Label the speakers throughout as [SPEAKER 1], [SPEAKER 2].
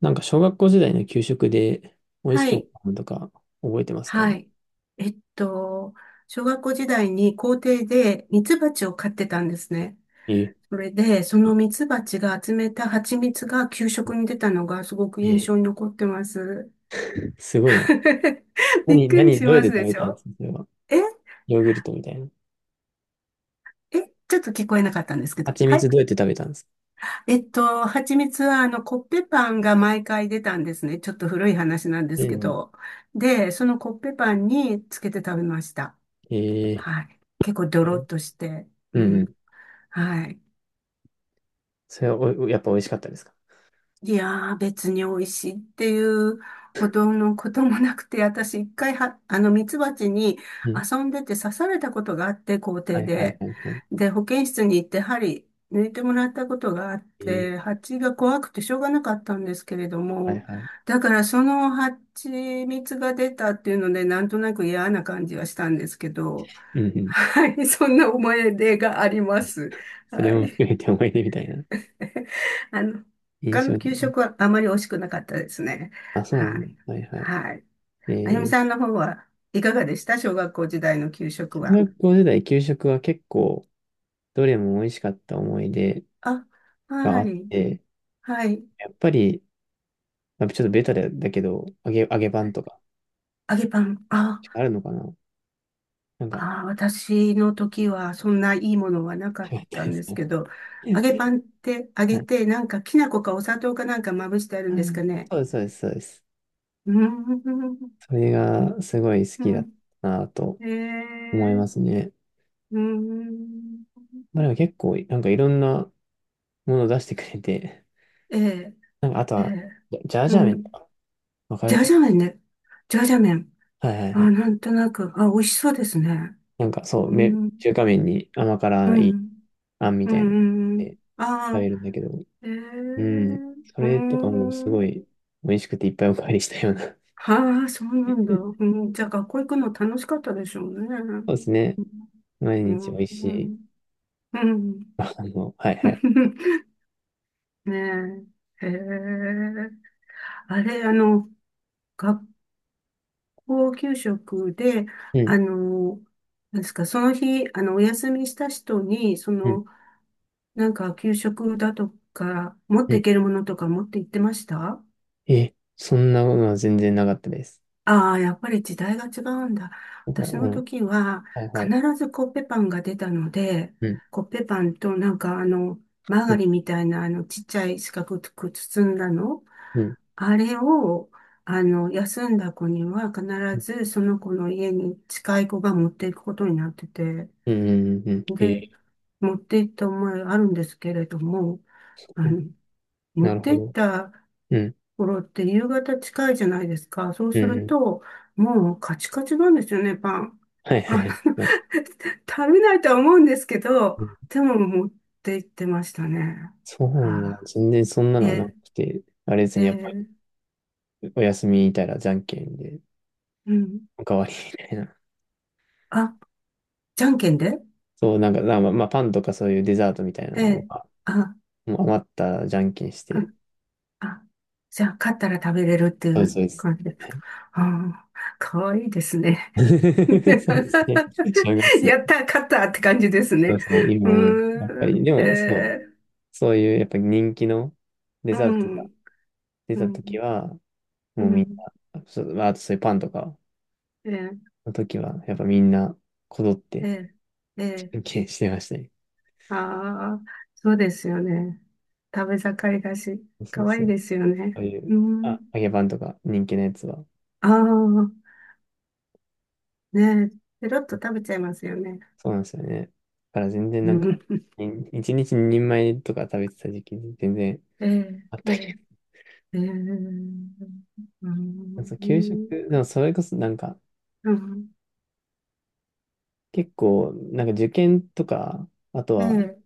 [SPEAKER 1] なんか小学校時代の給食で美味し
[SPEAKER 2] は
[SPEAKER 1] かっ
[SPEAKER 2] い、
[SPEAKER 1] たものとか覚えてますか？
[SPEAKER 2] はい。えっと、小学校時代に校庭でミツバチを飼ってたんですね。
[SPEAKER 1] ええ、
[SPEAKER 2] それで、そのミツバチが集めた蜂蜜が給食に出たのがすごく印
[SPEAKER 1] え
[SPEAKER 2] 象に残ってます。
[SPEAKER 1] すごいな。
[SPEAKER 2] びっ
[SPEAKER 1] 何、
[SPEAKER 2] くり
[SPEAKER 1] 何、
[SPEAKER 2] し
[SPEAKER 1] どうやっ
[SPEAKER 2] ま
[SPEAKER 1] て
[SPEAKER 2] す
[SPEAKER 1] 食
[SPEAKER 2] で
[SPEAKER 1] べ
[SPEAKER 2] し
[SPEAKER 1] たんで
[SPEAKER 2] ょ？
[SPEAKER 1] すかそれは。
[SPEAKER 2] え
[SPEAKER 1] ヨーグルトみたいな。
[SPEAKER 2] え、ちょっと聞こえなかったんですけど。
[SPEAKER 1] 蜂
[SPEAKER 2] は
[SPEAKER 1] 蜜
[SPEAKER 2] い。
[SPEAKER 1] どうやって食べたんですか？
[SPEAKER 2] 蜂蜜はあのコッペパンが毎回出たんですね。ちょっと古い話なんで
[SPEAKER 1] うん
[SPEAKER 2] すけ
[SPEAKER 1] うん。
[SPEAKER 2] ど。で、そのコッペパンにつけて食べました。
[SPEAKER 1] ええ、
[SPEAKER 2] はい。結構ドロッとして。
[SPEAKER 1] う
[SPEAKER 2] う
[SPEAKER 1] んう
[SPEAKER 2] ん。
[SPEAKER 1] ん。
[SPEAKER 2] はい。
[SPEAKER 1] それはお、やっぱ美味しかったですか？
[SPEAKER 2] いやー、別に美味しいっていうほどのこともなくて、私一回は、あの、ミツバチに
[SPEAKER 1] うん。
[SPEAKER 2] 遊んでて刺されたことがあって、校
[SPEAKER 1] は
[SPEAKER 2] 庭
[SPEAKER 1] いはい
[SPEAKER 2] で。
[SPEAKER 1] はいはい。
[SPEAKER 2] で、保健室に行って針抜いてもらったことがあっ
[SPEAKER 1] ええ、
[SPEAKER 2] て、蜂が怖くてしょうがなかったんですけれど
[SPEAKER 1] はい
[SPEAKER 2] も、
[SPEAKER 1] はい。
[SPEAKER 2] だからその蜂蜜が出たっていうので、なんとなく嫌な感じはしたんですけど、
[SPEAKER 1] うんうん。
[SPEAKER 2] はい、そんな思い出があります。
[SPEAKER 1] それ
[SPEAKER 2] は
[SPEAKER 1] も含
[SPEAKER 2] い。
[SPEAKER 1] めて思い出みたいな
[SPEAKER 2] あの、
[SPEAKER 1] 印
[SPEAKER 2] 他
[SPEAKER 1] 象
[SPEAKER 2] の
[SPEAKER 1] で
[SPEAKER 2] 給
[SPEAKER 1] ね。
[SPEAKER 2] 食はあまり美味しくなかったですね。
[SPEAKER 1] あ、そうなん
[SPEAKER 2] は
[SPEAKER 1] だ。
[SPEAKER 2] い。
[SPEAKER 1] はいはい。
[SPEAKER 2] はい。
[SPEAKER 1] え
[SPEAKER 2] あやみ
[SPEAKER 1] え、
[SPEAKER 2] さんの方はいかがでした？小学校時代の給食
[SPEAKER 1] 小
[SPEAKER 2] は。
[SPEAKER 1] 学校時代給食は結構どれも美味しかった思い出
[SPEAKER 2] あ、
[SPEAKER 1] があ
[SPEAKER 2] は
[SPEAKER 1] っ
[SPEAKER 2] い。
[SPEAKER 1] て、
[SPEAKER 2] はい。
[SPEAKER 1] やっぱり、まあちょっとベタだけど、揚げパンとか、
[SPEAKER 2] 揚げパン。あ、
[SPEAKER 1] あるのかな、なんか、よ
[SPEAKER 2] あ、私の時はそんないいものはなか
[SPEAKER 1] か
[SPEAKER 2] っ
[SPEAKER 1] った
[SPEAKER 2] た
[SPEAKER 1] で
[SPEAKER 2] んで
[SPEAKER 1] す
[SPEAKER 2] す
[SPEAKER 1] ね。
[SPEAKER 2] けど、揚げパ ンって揚
[SPEAKER 1] は
[SPEAKER 2] げ
[SPEAKER 1] い。
[SPEAKER 2] て、なんかきな粉かお砂糖かなんかまぶしてあるん
[SPEAKER 1] あ
[SPEAKER 2] ですか
[SPEAKER 1] ー、
[SPEAKER 2] ね？
[SPEAKER 1] そうです、そうです、そうです。
[SPEAKER 2] うーん。
[SPEAKER 1] それがすごい好
[SPEAKER 2] う
[SPEAKER 1] きだっ
[SPEAKER 2] ん。
[SPEAKER 1] たなと
[SPEAKER 2] え
[SPEAKER 1] 思い
[SPEAKER 2] ー、
[SPEAKER 1] ますね。
[SPEAKER 2] うーん。
[SPEAKER 1] まあ、でも結構、なんかいろんなもの出してくれて、
[SPEAKER 2] えー、
[SPEAKER 1] なんかあと
[SPEAKER 2] え
[SPEAKER 1] は、
[SPEAKER 2] ー、
[SPEAKER 1] ジャージ
[SPEAKER 2] う
[SPEAKER 1] ャー麺
[SPEAKER 2] ん。
[SPEAKER 1] とか、わか
[SPEAKER 2] ジ
[SPEAKER 1] る
[SPEAKER 2] ャー
[SPEAKER 1] か
[SPEAKER 2] ジャー麺ね。ジャージャー麺。
[SPEAKER 1] な。はいはい
[SPEAKER 2] あ、
[SPEAKER 1] はい。
[SPEAKER 2] なんとなく、あ、美味しそうですね。
[SPEAKER 1] なんかそう、
[SPEAKER 2] う
[SPEAKER 1] め、
[SPEAKER 2] ん、
[SPEAKER 1] 中華麺に甘
[SPEAKER 2] う
[SPEAKER 1] 辛い
[SPEAKER 2] ん、
[SPEAKER 1] あんみ
[SPEAKER 2] う
[SPEAKER 1] たいなの
[SPEAKER 2] ん、うん。
[SPEAKER 1] で食
[SPEAKER 2] あ
[SPEAKER 1] べ
[SPEAKER 2] あ、
[SPEAKER 1] るんだけど、
[SPEAKER 2] ええ、
[SPEAKER 1] うん。そ
[SPEAKER 2] う
[SPEAKER 1] れとかもすご
[SPEAKER 2] ん。
[SPEAKER 1] い美味しくていっぱいおかわりしたような。
[SPEAKER 2] はあ、そうなんだ。うん、じゃあ、学校行くの楽しかったでしょうね。
[SPEAKER 1] そうですね。毎
[SPEAKER 2] う
[SPEAKER 1] 日美
[SPEAKER 2] ん、
[SPEAKER 1] 味し
[SPEAKER 2] う
[SPEAKER 1] い。
[SPEAKER 2] ん、うん。
[SPEAKER 1] あの、はいはい。
[SPEAKER 2] ねえ。へえ。あれ、あの、学校給食で、
[SPEAKER 1] うん、
[SPEAKER 2] あの、なんですか、その日、あの、お休みした人に、そ
[SPEAKER 1] うん、
[SPEAKER 2] の、なんか給食だとか、持っ
[SPEAKER 1] う
[SPEAKER 2] て
[SPEAKER 1] ん。
[SPEAKER 2] いけるものとか持って行ってました？
[SPEAKER 1] え、そんなのは全然なかったです。
[SPEAKER 2] ああ、やっぱり時代が違うんだ。
[SPEAKER 1] う
[SPEAKER 2] 私の
[SPEAKER 1] ん、
[SPEAKER 2] 時は
[SPEAKER 1] はいは
[SPEAKER 2] 必
[SPEAKER 1] い。
[SPEAKER 2] ずコッペパンが出たので、
[SPEAKER 1] うん、
[SPEAKER 2] コッペパンとなんかあの、マー
[SPEAKER 1] う
[SPEAKER 2] ガ
[SPEAKER 1] ん、
[SPEAKER 2] リンみたいなあのちっちゃい四角く包んだの、
[SPEAKER 1] うん、
[SPEAKER 2] あれをあの、休んだ子には必
[SPEAKER 1] うん、
[SPEAKER 2] ずその子の家に近い子が持っていくことになってて、
[SPEAKER 1] うん、うんうん、えー、
[SPEAKER 2] で、持って行った思いあるんですけれども、
[SPEAKER 1] そ
[SPEAKER 2] あ
[SPEAKER 1] う、
[SPEAKER 2] の、
[SPEAKER 1] な
[SPEAKER 2] 持っ
[SPEAKER 1] る
[SPEAKER 2] て
[SPEAKER 1] ほ
[SPEAKER 2] 行っ
[SPEAKER 1] ど。
[SPEAKER 2] た
[SPEAKER 1] うん、
[SPEAKER 2] ころって夕方近いじゃないですか。そう
[SPEAKER 1] うん、
[SPEAKER 2] す
[SPEAKER 1] う
[SPEAKER 2] る
[SPEAKER 1] ん。
[SPEAKER 2] と、もうカチカチなんですよね、パン。
[SPEAKER 1] はい
[SPEAKER 2] あ
[SPEAKER 1] は
[SPEAKER 2] の、
[SPEAKER 1] い。はい。
[SPEAKER 2] 食べないとは思うんですけど、
[SPEAKER 1] うん。
[SPEAKER 2] でも持って行ってましたね。
[SPEAKER 1] そうな
[SPEAKER 2] は
[SPEAKER 1] んだ。
[SPEAKER 2] あ、
[SPEAKER 1] 全然そんなのはな
[SPEAKER 2] え
[SPEAKER 1] くて、あれです
[SPEAKER 2] え、え
[SPEAKER 1] ね、やっぱ
[SPEAKER 2] え、
[SPEAKER 1] りお休みいたらじゃんけんで、
[SPEAKER 2] うん。
[SPEAKER 1] おかわりみたいな。
[SPEAKER 2] あ、じゃんけんで、
[SPEAKER 1] そう、なんか、まあ、パンとかそういうデザートみたいな
[SPEAKER 2] え
[SPEAKER 1] の
[SPEAKER 2] え、
[SPEAKER 1] が、
[SPEAKER 2] あ、
[SPEAKER 1] もう余ったらじゃんけんし
[SPEAKER 2] あ、
[SPEAKER 1] て、
[SPEAKER 2] あ、じゃあ勝ったら食べれるってい
[SPEAKER 1] そうです、
[SPEAKER 2] う
[SPEAKER 1] そうです。
[SPEAKER 2] 感じですか？ああ、かわいいですね。
[SPEAKER 1] そう ですね。小学生。
[SPEAKER 2] やった、勝ったって感じです
[SPEAKER 1] そ
[SPEAKER 2] ね。
[SPEAKER 1] うそう、
[SPEAKER 2] う
[SPEAKER 1] 今思う。やっぱ
[SPEAKER 2] ー
[SPEAKER 1] り、
[SPEAKER 2] ん、
[SPEAKER 1] で
[SPEAKER 2] へ
[SPEAKER 1] も、そう、
[SPEAKER 2] え。
[SPEAKER 1] そういう、やっぱり人気のデ
[SPEAKER 2] う
[SPEAKER 1] ザートが
[SPEAKER 2] ん、
[SPEAKER 1] 出
[SPEAKER 2] う
[SPEAKER 1] た時
[SPEAKER 2] ん、
[SPEAKER 1] は、も
[SPEAKER 2] う
[SPEAKER 1] うみん
[SPEAKER 2] ん。
[SPEAKER 1] な、そう、まああとそういうパンとか
[SPEAKER 2] ええ、
[SPEAKER 1] の時は、やっぱみんな、こぞっ
[SPEAKER 2] え
[SPEAKER 1] て、
[SPEAKER 2] え、え
[SPEAKER 1] 献
[SPEAKER 2] え。
[SPEAKER 1] 金してましたね。
[SPEAKER 2] ああ、そうですよね。食べ盛りだし、
[SPEAKER 1] そうそう
[SPEAKER 2] 可
[SPEAKER 1] そ
[SPEAKER 2] 愛いです
[SPEAKER 1] う。
[SPEAKER 2] よね。
[SPEAKER 1] いう、
[SPEAKER 2] うん。
[SPEAKER 1] あ、揚げパンとか人気のやつは、
[SPEAKER 2] ああ、ねえ、ペロッと食べちゃいますよね。
[SPEAKER 1] そうなんですよね。だから全然
[SPEAKER 2] う
[SPEAKER 1] なんか、
[SPEAKER 2] ん。
[SPEAKER 1] い一日二人前とか食べてた時期に全然
[SPEAKER 2] ええ、
[SPEAKER 1] あった
[SPEAKER 2] ええ、
[SPEAKER 1] け
[SPEAKER 2] ええ。う
[SPEAKER 1] ど、そう、給食、
[SPEAKER 2] ん。
[SPEAKER 1] でもそれこそなんか、
[SPEAKER 2] うん。
[SPEAKER 1] 結構、なんか受験とか、あと
[SPEAKER 2] え
[SPEAKER 1] は、
[SPEAKER 2] え、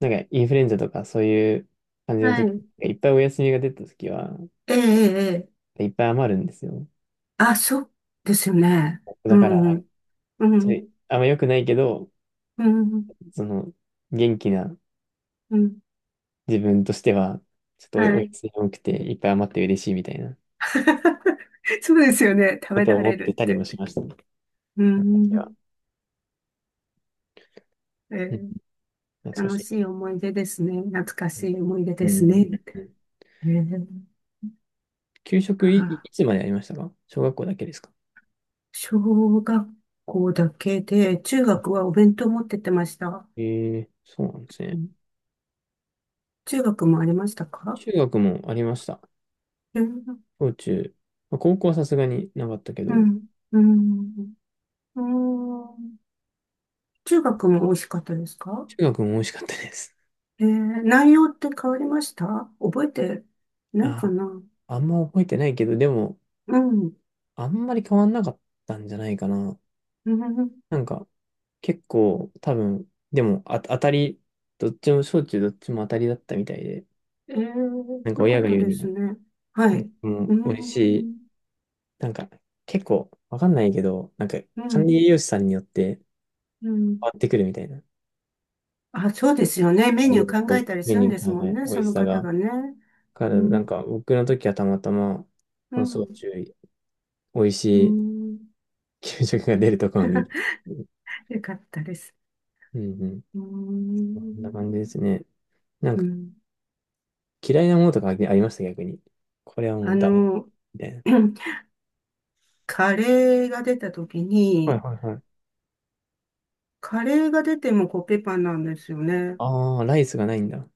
[SPEAKER 1] なんかインフルエンザとかそういう感じの
[SPEAKER 2] は
[SPEAKER 1] 時、
[SPEAKER 2] い。
[SPEAKER 1] いっぱいお休みが出た時は、
[SPEAKER 2] ええ、ええ、ええ、
[SPEAKER 1] いっぱい余るんですよ。
[SPEAKER 2] あ、そうですよね。う
[SPEAKER 1] だから、
[SPEAKER 2] ん、う
[SPEAKER 1] ち
[SPEAKER 2] ん、
[SPEAKER 1] ょ
[SPEAKER 2] う
[SPEAKER 1] いあんま良くないけど、
[SPEAKER 2] ん、
[SPEAKER 1] その、元気な
[SPEAKER 2] うん。
[SPEAKER 1] 自分としては、ちょっとお
[SPEAKER 2] は
[SPEAKER 1] お
[SPEAKER 2] い。
[SPEAKER 1] 休み多くて、いっぱい余って嬉しいみたいな
[SPEAKER 2] そうですよね。食
[SPEAKER 1] こ
[SPEAKER 2] べ
[SPEAKER 1] とを
[SPEAKER 2] られ
[SPEAKER 1] 思って
[SPEAKER 2] るっ
[SPEAKER 1] たりもし
[SPEAKER 2] て。
[SPEAKER 1] ましたね。
[SPEAKER 2] う
[SPEAKER 1] うん、私は
[SPEAKER 2] ん。え
[SPEAKER 1] うん
[SPEAKER 2] ー
[SPEAKER 1] 懐か
[SPEAKER 2] 楽
[SPEAKER 1] しい。
[SPEAKER 2] しい思い出ですね。懐か
[SPEAKER 1] うん。
[SPEAKER 2] しい思い出
[SPEAKER 1] う
[SPEAKER 2] です
[SPEAKER 1] ん
[SPEAKER 2] ね。
[SPEAKER 1] うん。
[SPEAKER 2] えー
[SPEAKER 1] 給食い
[SPEAKER 2] あ、
[SPEAKER 1] つまでありましたか？小学校だけですか？
[SPEAKER 2] 小学校だけで、中学はお弁当持ってってました。
[SPEAKER 1] ええ、そうなんです
[SPEAKER 2] う
[SPEAKER 1] ね。
[SPEAKER 2] ん。中学もありましたか？
[SPEAKER 1] 中学もありました。
[SPEAKER 2] うん、
[SPEAKER 1] 小中。まあ、高校はさすがになかったけ
[SPEAKER 2] う
[SPEAKER 1] ど、
[SPEAKER 2] ん、うん、うん。中学も美味しかったですか？
[SPEAKER 1] 中学も美味しかったです。
[SPEAKER 2] 内容って変わりました？覚えてないか
[SPEAKER 1] あ、
[SPEAKER 2] な。
[SPEAKER 1] あんま覚えてないけど、でも、
[SPEAKER 2] うん、
[SPEAKER 1] あんまり変わんなかったんじゃないかな。
[SPEAKER 2] うん、
[SPEAKER 1] なんか、結構、多分、でも、あ、当たり、どっちも、小中どっちも当たりだったみたいで、
[SPEAKER 2] ええ、
[SPEAKER 1] なんか
[SPEAKER 2] よか
[SPEAKER 1] 親
[SPEAKER 2] っ
[SPEAKER 1] が
[SPEAKER 2] た
[SPEAKER 1] 言う
[SPEAKER 2] で
[SPEAKER 1] に
[SPEAKER 2] す
[SPEAKER 1] も、
[SPEAKER 2] ね。はい。う
[SPEAKER 1] も
[SPEAKER 2] ー
[SPEAKER 1] う、美味しい。
[SPEAKER 2] ん、
[SPEAKER 1] なんか、結構、わかんないけど、なんか、
[SPEAKER 2] う
[SPEAKER 1] 管
[SPEAKER 2] ん、
[SPEAKER 1] 理栄養士さんによって変
[SPEAKER 2] うん。
[SPEAKER 1] わってくるみたいな。
[SPEAKER 2] あ、そうですよね。メニュー考えたり
[SPEAKER 1] メ
[SPEAKER 2] する
[SPEAKER 1] ニ
[SPEAKER 2] ん
[SPEAKER 1] ュ
[SPEAKER 2] で
[SPEAKER 1] ー、
[SPEAKER 2] す
[SPEAKER 1] は
[SPEAKER 2] も
[SPEAKER 1] いは
[SPEAKER 2] ん
[SPEAKER 1] い、
[SPEAKER 2] ね、
[SPEAKER 1] 美
[SPEAKER 2] そ
[SPEAKER 1] 味し
[SPEAKER 2] の
[SPEAKER 1] さ
[SPEAKER 2] 方
[SPEAKER 1] が。
[SPEAKER 2] がね。
[SPEAKER 1] か
[SPEAKER 2] う
[SPEAKER 1] ら、なん
[SPEAKER 2] ん、
[SPEAKER 1] か、僕の時はたまたま、
[SPEAKER 2] う
[SPEAKER 1] その小
[SPEAKER 2] ん、
[SPEAKER 1] 中美味し
[SPEAKER 2] う
[SPEAKER 1] い
[SPEAKER 2] ん。
[SPEAKER 1] 給食が出るところに。う
[SPEAKER 2] よかったです。
[SPEAKER 1] んうん。
[SPEAKER 2] うー
[SPEAKER 1] こんな感
[SPEAKER 2] ん、
[SPEAKER 1] じですね。なん
[SPEAKER 2] う
[SPEAKER 1] か
[SPEAKER 2] ん。
[SPEAKER 1] 嫌いなものとかありました、逆に。これはも
[SPEAKER 2] あ
[SPEAKER 1] うダメ。
[SPEAKER 2] の、
[SPEAKER 1] みたいな。
[SPEAKER 2] カレーが出た時
[SPEAKER 1] はい
[SPEAKER 2] に、
[SPEAKER 1] はいはい。
[SPEAKER 2] カレーが出てもコッペパンなんですよね。
[SPEAKER 1] ああ、ライスがないんだ。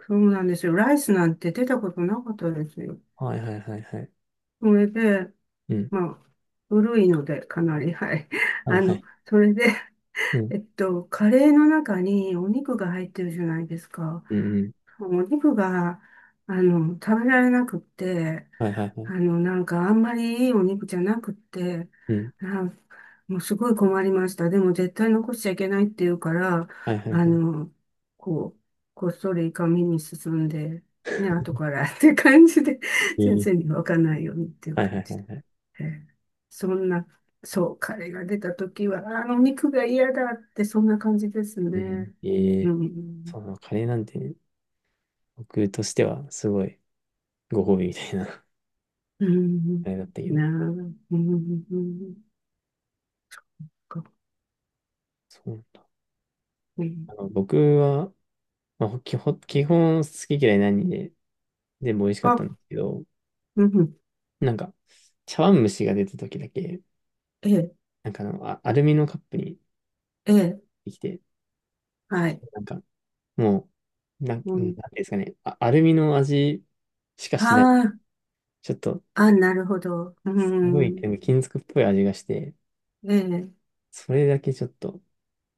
[SPEAKER 2] そうなんですよ。ライスなんて出たことなかったですよ。
[SPEAKER 1] はいはいはいはい。
[SPEAKER 2] それで、
[SPEAKER 1] うん。
[SPEAKER 2] まあ、古いので、かなり、はい。
[SPEAKER 1] はい
[SPEAKER 2] あ
[SPEAKER 1] は
[SPEAKER 2] の、
[SPEAKER 1] い。
[SPEAKER 2] それで、
[SPEAKER 1] うん。
[SPEAKER 2] カレーの中にお肉が入ってるじゃないですか。
[SPEAKER 1] うんうん。
[SPEAKER 2] お肉が、あの、食べられなくって、
[SPEAKER 1] はいはいは
[SPEAKER 2] あ
[SPEAKER 1] い。
[SPEAKER 2] の、なんか、あんまりいいお肉じゃなくって、
[SPEAKER 1] うん。
[SPEAKER 2] なんもうすごい困りました。でも、絶対残しちゃいけないっていうから、
[SPEAKER 1] はいはい
[SPEAKER 2] あ
[SPEAKER 1] はい。
[SPEAKER 2] の、こう、こっそり紙に進んで、ね、後からって感じで、
[SPEAKER 1] え
[SPEAKER 2] 先
[SPEAKER 1] え。
[SPEAKER 2] 生に分かんないようにっていう
[SPEAKER 1] はい
[SPEAKER 2] 感
[SPEAKER 1] はい
[SPEAKER 2] じで。
[SPEAKER 1] はい。
[SPEAKER 2] ええ、そんな、そう、彼が出た時は、あの肉が嫌だって、そんな感じです
[SPEAKER 1] うん。
[SPEAKER 2] ね。
[SPEAKER 1] え
[SPEAKER 2] う
[SPEAKER 1] え。
[SPEAKER 2] ん、
[SPEAKER 1] そうなの、カレーなんてね、僕としてはすごいご褒美みたいな、
[SPEAKER 2] う ん、
[SPEAKER 1] あれだったけ
[SPEAKER 2] な
[SPEAKER 1] ど。
[SPEAKER 2] あ、うん、か、
[SPEAKER 1] そう。
[SPEAKER 2] うん、
[SPEAKER 1] あの、僕は、まあ、基本好き嫌いないんで、全部美味しかった
[SPEAKER 2] あ、
[SPEAKER 1] んですけど、
[SPEAKER 2] うん、
[SPEAKER 1] なんか、茶碗蒸しが出た時だけ、
[SPEAKER 2] ええ、
[SPEAKER 1] なんかあの、アルミのカップに
[SPEAKER 2] ええ、
[SPEAKER 1] できて、
[SPEAKER 2] はい。
[SPEAKER 1] なんか、もう、なん
[SPEAKER 2] う
[SPEAKER 1] ていうん
[SPEAKER 2] ん、
[SPEAKER 1] ですかね、あ、アルミの味しかしない。
[SPEAKER 2] ああ、
[SPEAKER 1] ちょっと、
[SPEAKER 2] あ、なるほど。う
[SPEAKER 1] すごい、
[SPEAKER 2] ん、
[SPEAKER 1] なんか金属っぽい味がして、
[SPEAKER 2] ええ、
[SPEAKER 1] それだけちょっと、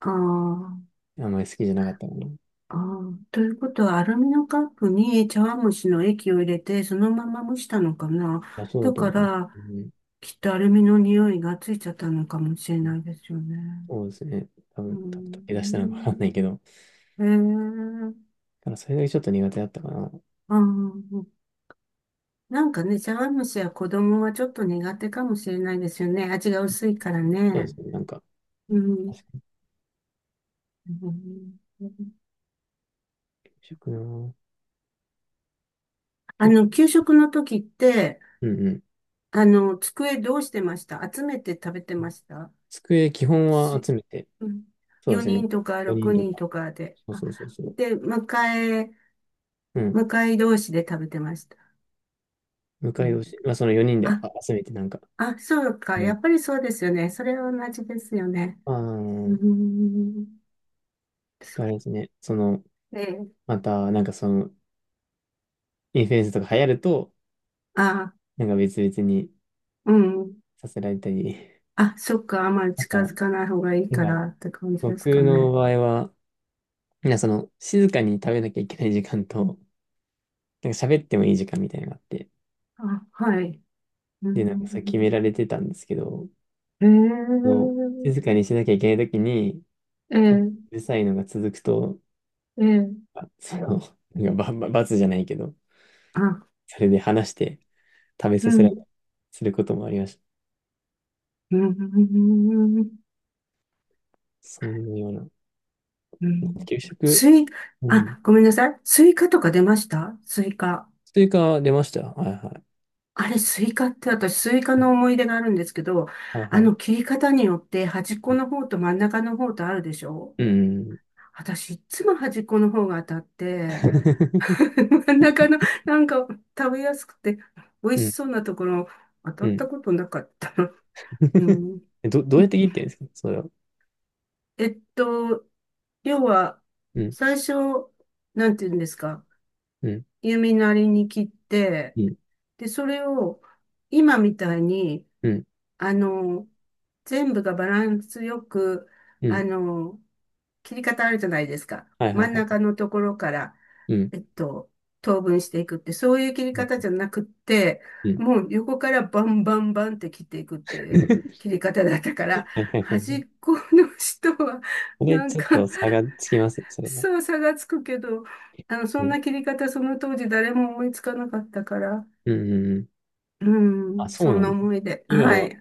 [SPEAKER 2] ああ。
[SPEAKER 1] あんまり好きじゃなかったかな。い
[SPEAKER 2] ああ、ということは、アルミのカップに茶碗蒸しの液を入れて、そのまま蒸したのかな。
[SPEAKER 1] や、そうだ
[SPEAKER 2] だ
[SPEAKER 1] と
[SPEAKER 2] か
[SPEAKER 1] 思う。う
[SPEAKER 2] ら、
[SPEAKER 1] ん、
[SPEAKER 2] きっとアルミの匂いがついちゃったのかもしれないですよね。
[SPEAKER 1] そうですね。多
[SPEAKER 2] う
[SPEAKER 1] 分、多分、溶け出したのかわ
[SPEAKER 2] ん。
[SPEAKER 1] かんないけど、だ
[SPEAKER 2] へえ。
[SPEAKER 1] からそれだけちょっと苦手だったかな。
[SPEAKER 2] あー、なんかね、茶碗蒸しは子供はちょっと苦手かもしれないですよね。味が薄いから
[SPEAKER 1] そうで
[SPEAKER 2] ね。
[SPEAKER 1] すね。なんか、
[SPEAKER 2] う
[SPEAKER 1] 確
[SPEAKER 2] ん。
[SPEAKER 1] かに
[SPEAKER 2] うん。
[SPEAKER 1] 食な。
[SPEAKER 2] あ
[SPEAKER 1] 結
[SPEAKER 2] の、給食の時って、
[SPEAKER 1] 構、うんうん。
[SPEAKER 2] あの、机どうしてました？集めて食べてました
[SPEAKER 1] 机基本は
[SPEAKER 2] し、
[SPEAKER 1] 集めて、
[SPEAKER 2] うん、
[SPEAKER 1] そうです
[SPEAKER 2] 4
[SPEAKER 1] ね。
[SPEAKER 2] 人とか
[SPEAKER 1] 4人
[SPEAKER 2] 6
[SPEAKER 1] と
[SPEAKER 2] 人
[SPEAKER 1] か。
[SPEAKER 2] とかで、
[SPEAKER 1] そう
[SPEAKER 2] あ、
[SPEAKER 1] そうそうそう。
[SPEAKER 2] で、向かい、
[SPEAKER 1] うん。
[SPEAKER 2] 向かい同士で食べてました。う
[SPEAKER 1] 迎えを
[SPEAKER 2] ん、
[SPEAKER 1] し、まあ、その4人であ
[SPEAKER 2] あ、
[SPEAKER 1] 集めてなんか。
[SPEAKER 2] あ、そうか。
[SPEAKER 1] う
[SPEAKER 2] や
[SPEAKER 1] ん。
[SPEAKER 2] っぱりそうですよね。それは同じですよね。
[SPEAKER 1] あ
[SPEAKER 2] うー
[SPEAKER 1] ー、
[SPEAKER 2] ん。
[SPEAKER 1] で、あれ
[SPEAKER 2] そ
[SPEAKER 1] ですね。その、
[SPEAKER 2] う、ええ、
[SPEAKER 1] また、なんかその、インフルエンスとか流行ると、
[SPEAKER 2] あ、
[SPEAKER 1] なんか別々に
[SPEAKER 2] うん。
[SPEAKER 1] させられたり。
[SPEAKER 2] あ、そっか。あんまり
[SPEAKER 1] あと
[SPEAKER 2] 近
[SPEAKER 1] は、
[SPEAKER 2] づかない方がいい
[SPEAKER 1] な
[SPEAKER 2] か
[SPEAKER 1] んか、
[SPEAKER 2] らって感じで
[SPEAKER 1] 僕
[SPEAKER 2] すか
[SPEAKER 1] の
[SPEAKER 2] ね。
[SPEAKER 1] 場合は、なんかその、静かに食べなきゃいけない時間と、なんか喋ってもいい時間みたいなのがあって。
[SPEAKER 2] あ、はい。うー
[SPEAKER 1] で、なんかそれ決めら
[SPEAKER 2] ん。
[SPEAKER 1] れてたんですけど、
[SPEAKER 2] え
[SPEAKER 1] その、
[SPEAKER 2] え、
[SPEAKER 1] 静かにしなきゃいけないときに、
[SPEAKER 2] え
[SPEAKER 1] うるさいのが続くと、
[SPEAKER 2] え、ええ、
[SPEAKER 1] あその、なんか罰じゃないけど、
[SPEAKER 2] あ、
[SPEAKER 1] それで話して食べ
[SPEAKER 2] う
[SPEAKER 1] させられた
[SPEAKER 2] ん。
[SPEAKER 1] りすることもありました。
[SPEAKER 2] うーん。
[SPEAKER 1] そんなような。
[SPEAKER 2] うん。
[SPEAKER 1] 給食、
[SPEAKER 2] スイ、
[SPEAKER 1] うん。
[SPEAKER 2] あ、ごめんなさい。スイカとか出ました？スイカ。
[SPEAKER 1] スイカ出ました。はいはい。
[SPEAKER 2] あれ、スイカって私、スイカの思い出があるんですけど、
[SPEAKER 1] はい
[SPEAKER 2] あ
[SPEAKER 1] はい。
[SPEAKER 2] の、切り方によって端っこの方と真ん中の方とあるでしょ？
[SPEAKER 1] うん。
[SPEAKER 2] 私、いつも端っこの方が当たって、真ん中の、なんか、食べやすくて、美味
[SPEAKER 1] う
[SPEAKER 2] し
[SPEAKER 1] ん。
[SPEAKER 2] そうなところ、当た
[SPEAKER 1] う
[SPEAKER 2] った
[SPEAKER 1] ん。
[SPEAKER 2] ことなかった。う ん。
[SPEAKER 1] え、どどうやって切ってるんですかそれは。
[SPEAKER 2] えっと、要は、
[SPEAKER 1] うん。
[SPEAKER 2] 最初、なんて言うんですか、
[SPEAKER 1] うん。
[SPEAKER 2] 弓なりに切って、
[SPEAKER 1] うん。
[SPEAKER 2] で、それを今みたいに、
[SPEAKER 1] うん。
[SPEAKER 2] あの、全部がバランスよく、
[SPEAKER 1] う
[SPEAKER 2] あ
[SPEAKER 1] ん。
[SPEAKER 2] の、切り方あるじゃないですか。
[SPEAKER 1] はいはい
[SPEAKER 2] 真ん
[SPEAKER 1] は
[SPEAKER 2] 中
[SPEAKER 1] い。
[SPEAKER 2] のところから、
[SPEAKER 1] うん。
[SPEAKER 2] えっと、等分していくって、そういう切り
[SPEAKER 1] う
[SPEAKER 2] 方
[SPEAKER 1] ん。
[SPEAKER 2] じゃなくって、
[SPEAKER 1] うん。
[SPEAKER 2] もう横からバンバンバンって切っていくっていう切 り方だったか
[SPEAKER 1] は
[SPEAKER 2] ら、
[SPEAKER 1] いはいは
[SPEAKER 2] 端
[SPEAKER 1] い。
[SPEAKER 2] っこの人は、
[SPEAKER 1] これ
[SPEAKER 2] なん
[SPEAKER 1] ちょっ
[SPEAKER 2] か、
[SPEAKER 1] と差がつきますね、それは。
[SPEAKER 2] そう差がつくけど、あの、そん
[SPEAKER 1] ね、
[SPEAKER 2] な切り方、その当時誰も思いつかなかったから、
[SPEAKER 1] うん。うん。うん。
[SPEAKER 2] う
[SPEAKER 1] あ、
[SPEAKER 2] ん、
[SPEAKER 1] そ
[SPEAKER 2] そ
[SPEAKER 1] う
[SPEAKER 2] ん
[SPEAKER 1] なん
[SPEAKER 2] な
[SPEAKER 1] だ。
[SPEAKER 2] 思いで。
[SPEAKER 1] 今
[SPEAKER 2] は
[SPEAKER 1] は
[SPEAKER 2] い。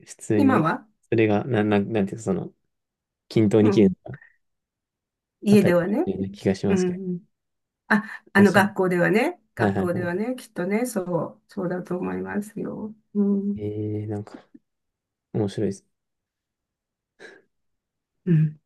[SPEAKER 1] 普通
[SPEAKER 2] 今
[SPEAKER 1] に、
[SPEAKER 2] は。
[SPEAKER 1] それが、なんていうか、その、均等
[SPEAKER 2] う
[SPEAKER 1] に切
[SPEAKER 2] ん。
[SPEAKER 1] る。あ
[SPEAKER 2] 家
[SPEAKER 1] たり
[SPEAKER 2] で
[SPEAKER 1] だ
[SPEAKER 2] は
[SPEAKER 1] 入っ
[SPEAKER 2] ね。
[SPEAKER 1] てようね気がし
[SPEAKER 2] う
[SPEAKER 1] ますけど。
[SPEAKER 2] ん。あ、あの
[SPEAKER 1] 私も。
[SPEAKER 2] 学校ではね。
[SPEAKER 1] はい
[SPEAKER 2] 学
[SPEAKER 1] はい
[SPEAKER 2] 校で
[SPEAKER 1] はい。
[SPEAKER 2] はね。きっとね。そう。そうだと思いますよ。う
[SPEAKER 1] え
[SPEAKER 2] ん。
[SPEAKER 1] ー、なんか、面白いです。
[SPEAKER 2] うん。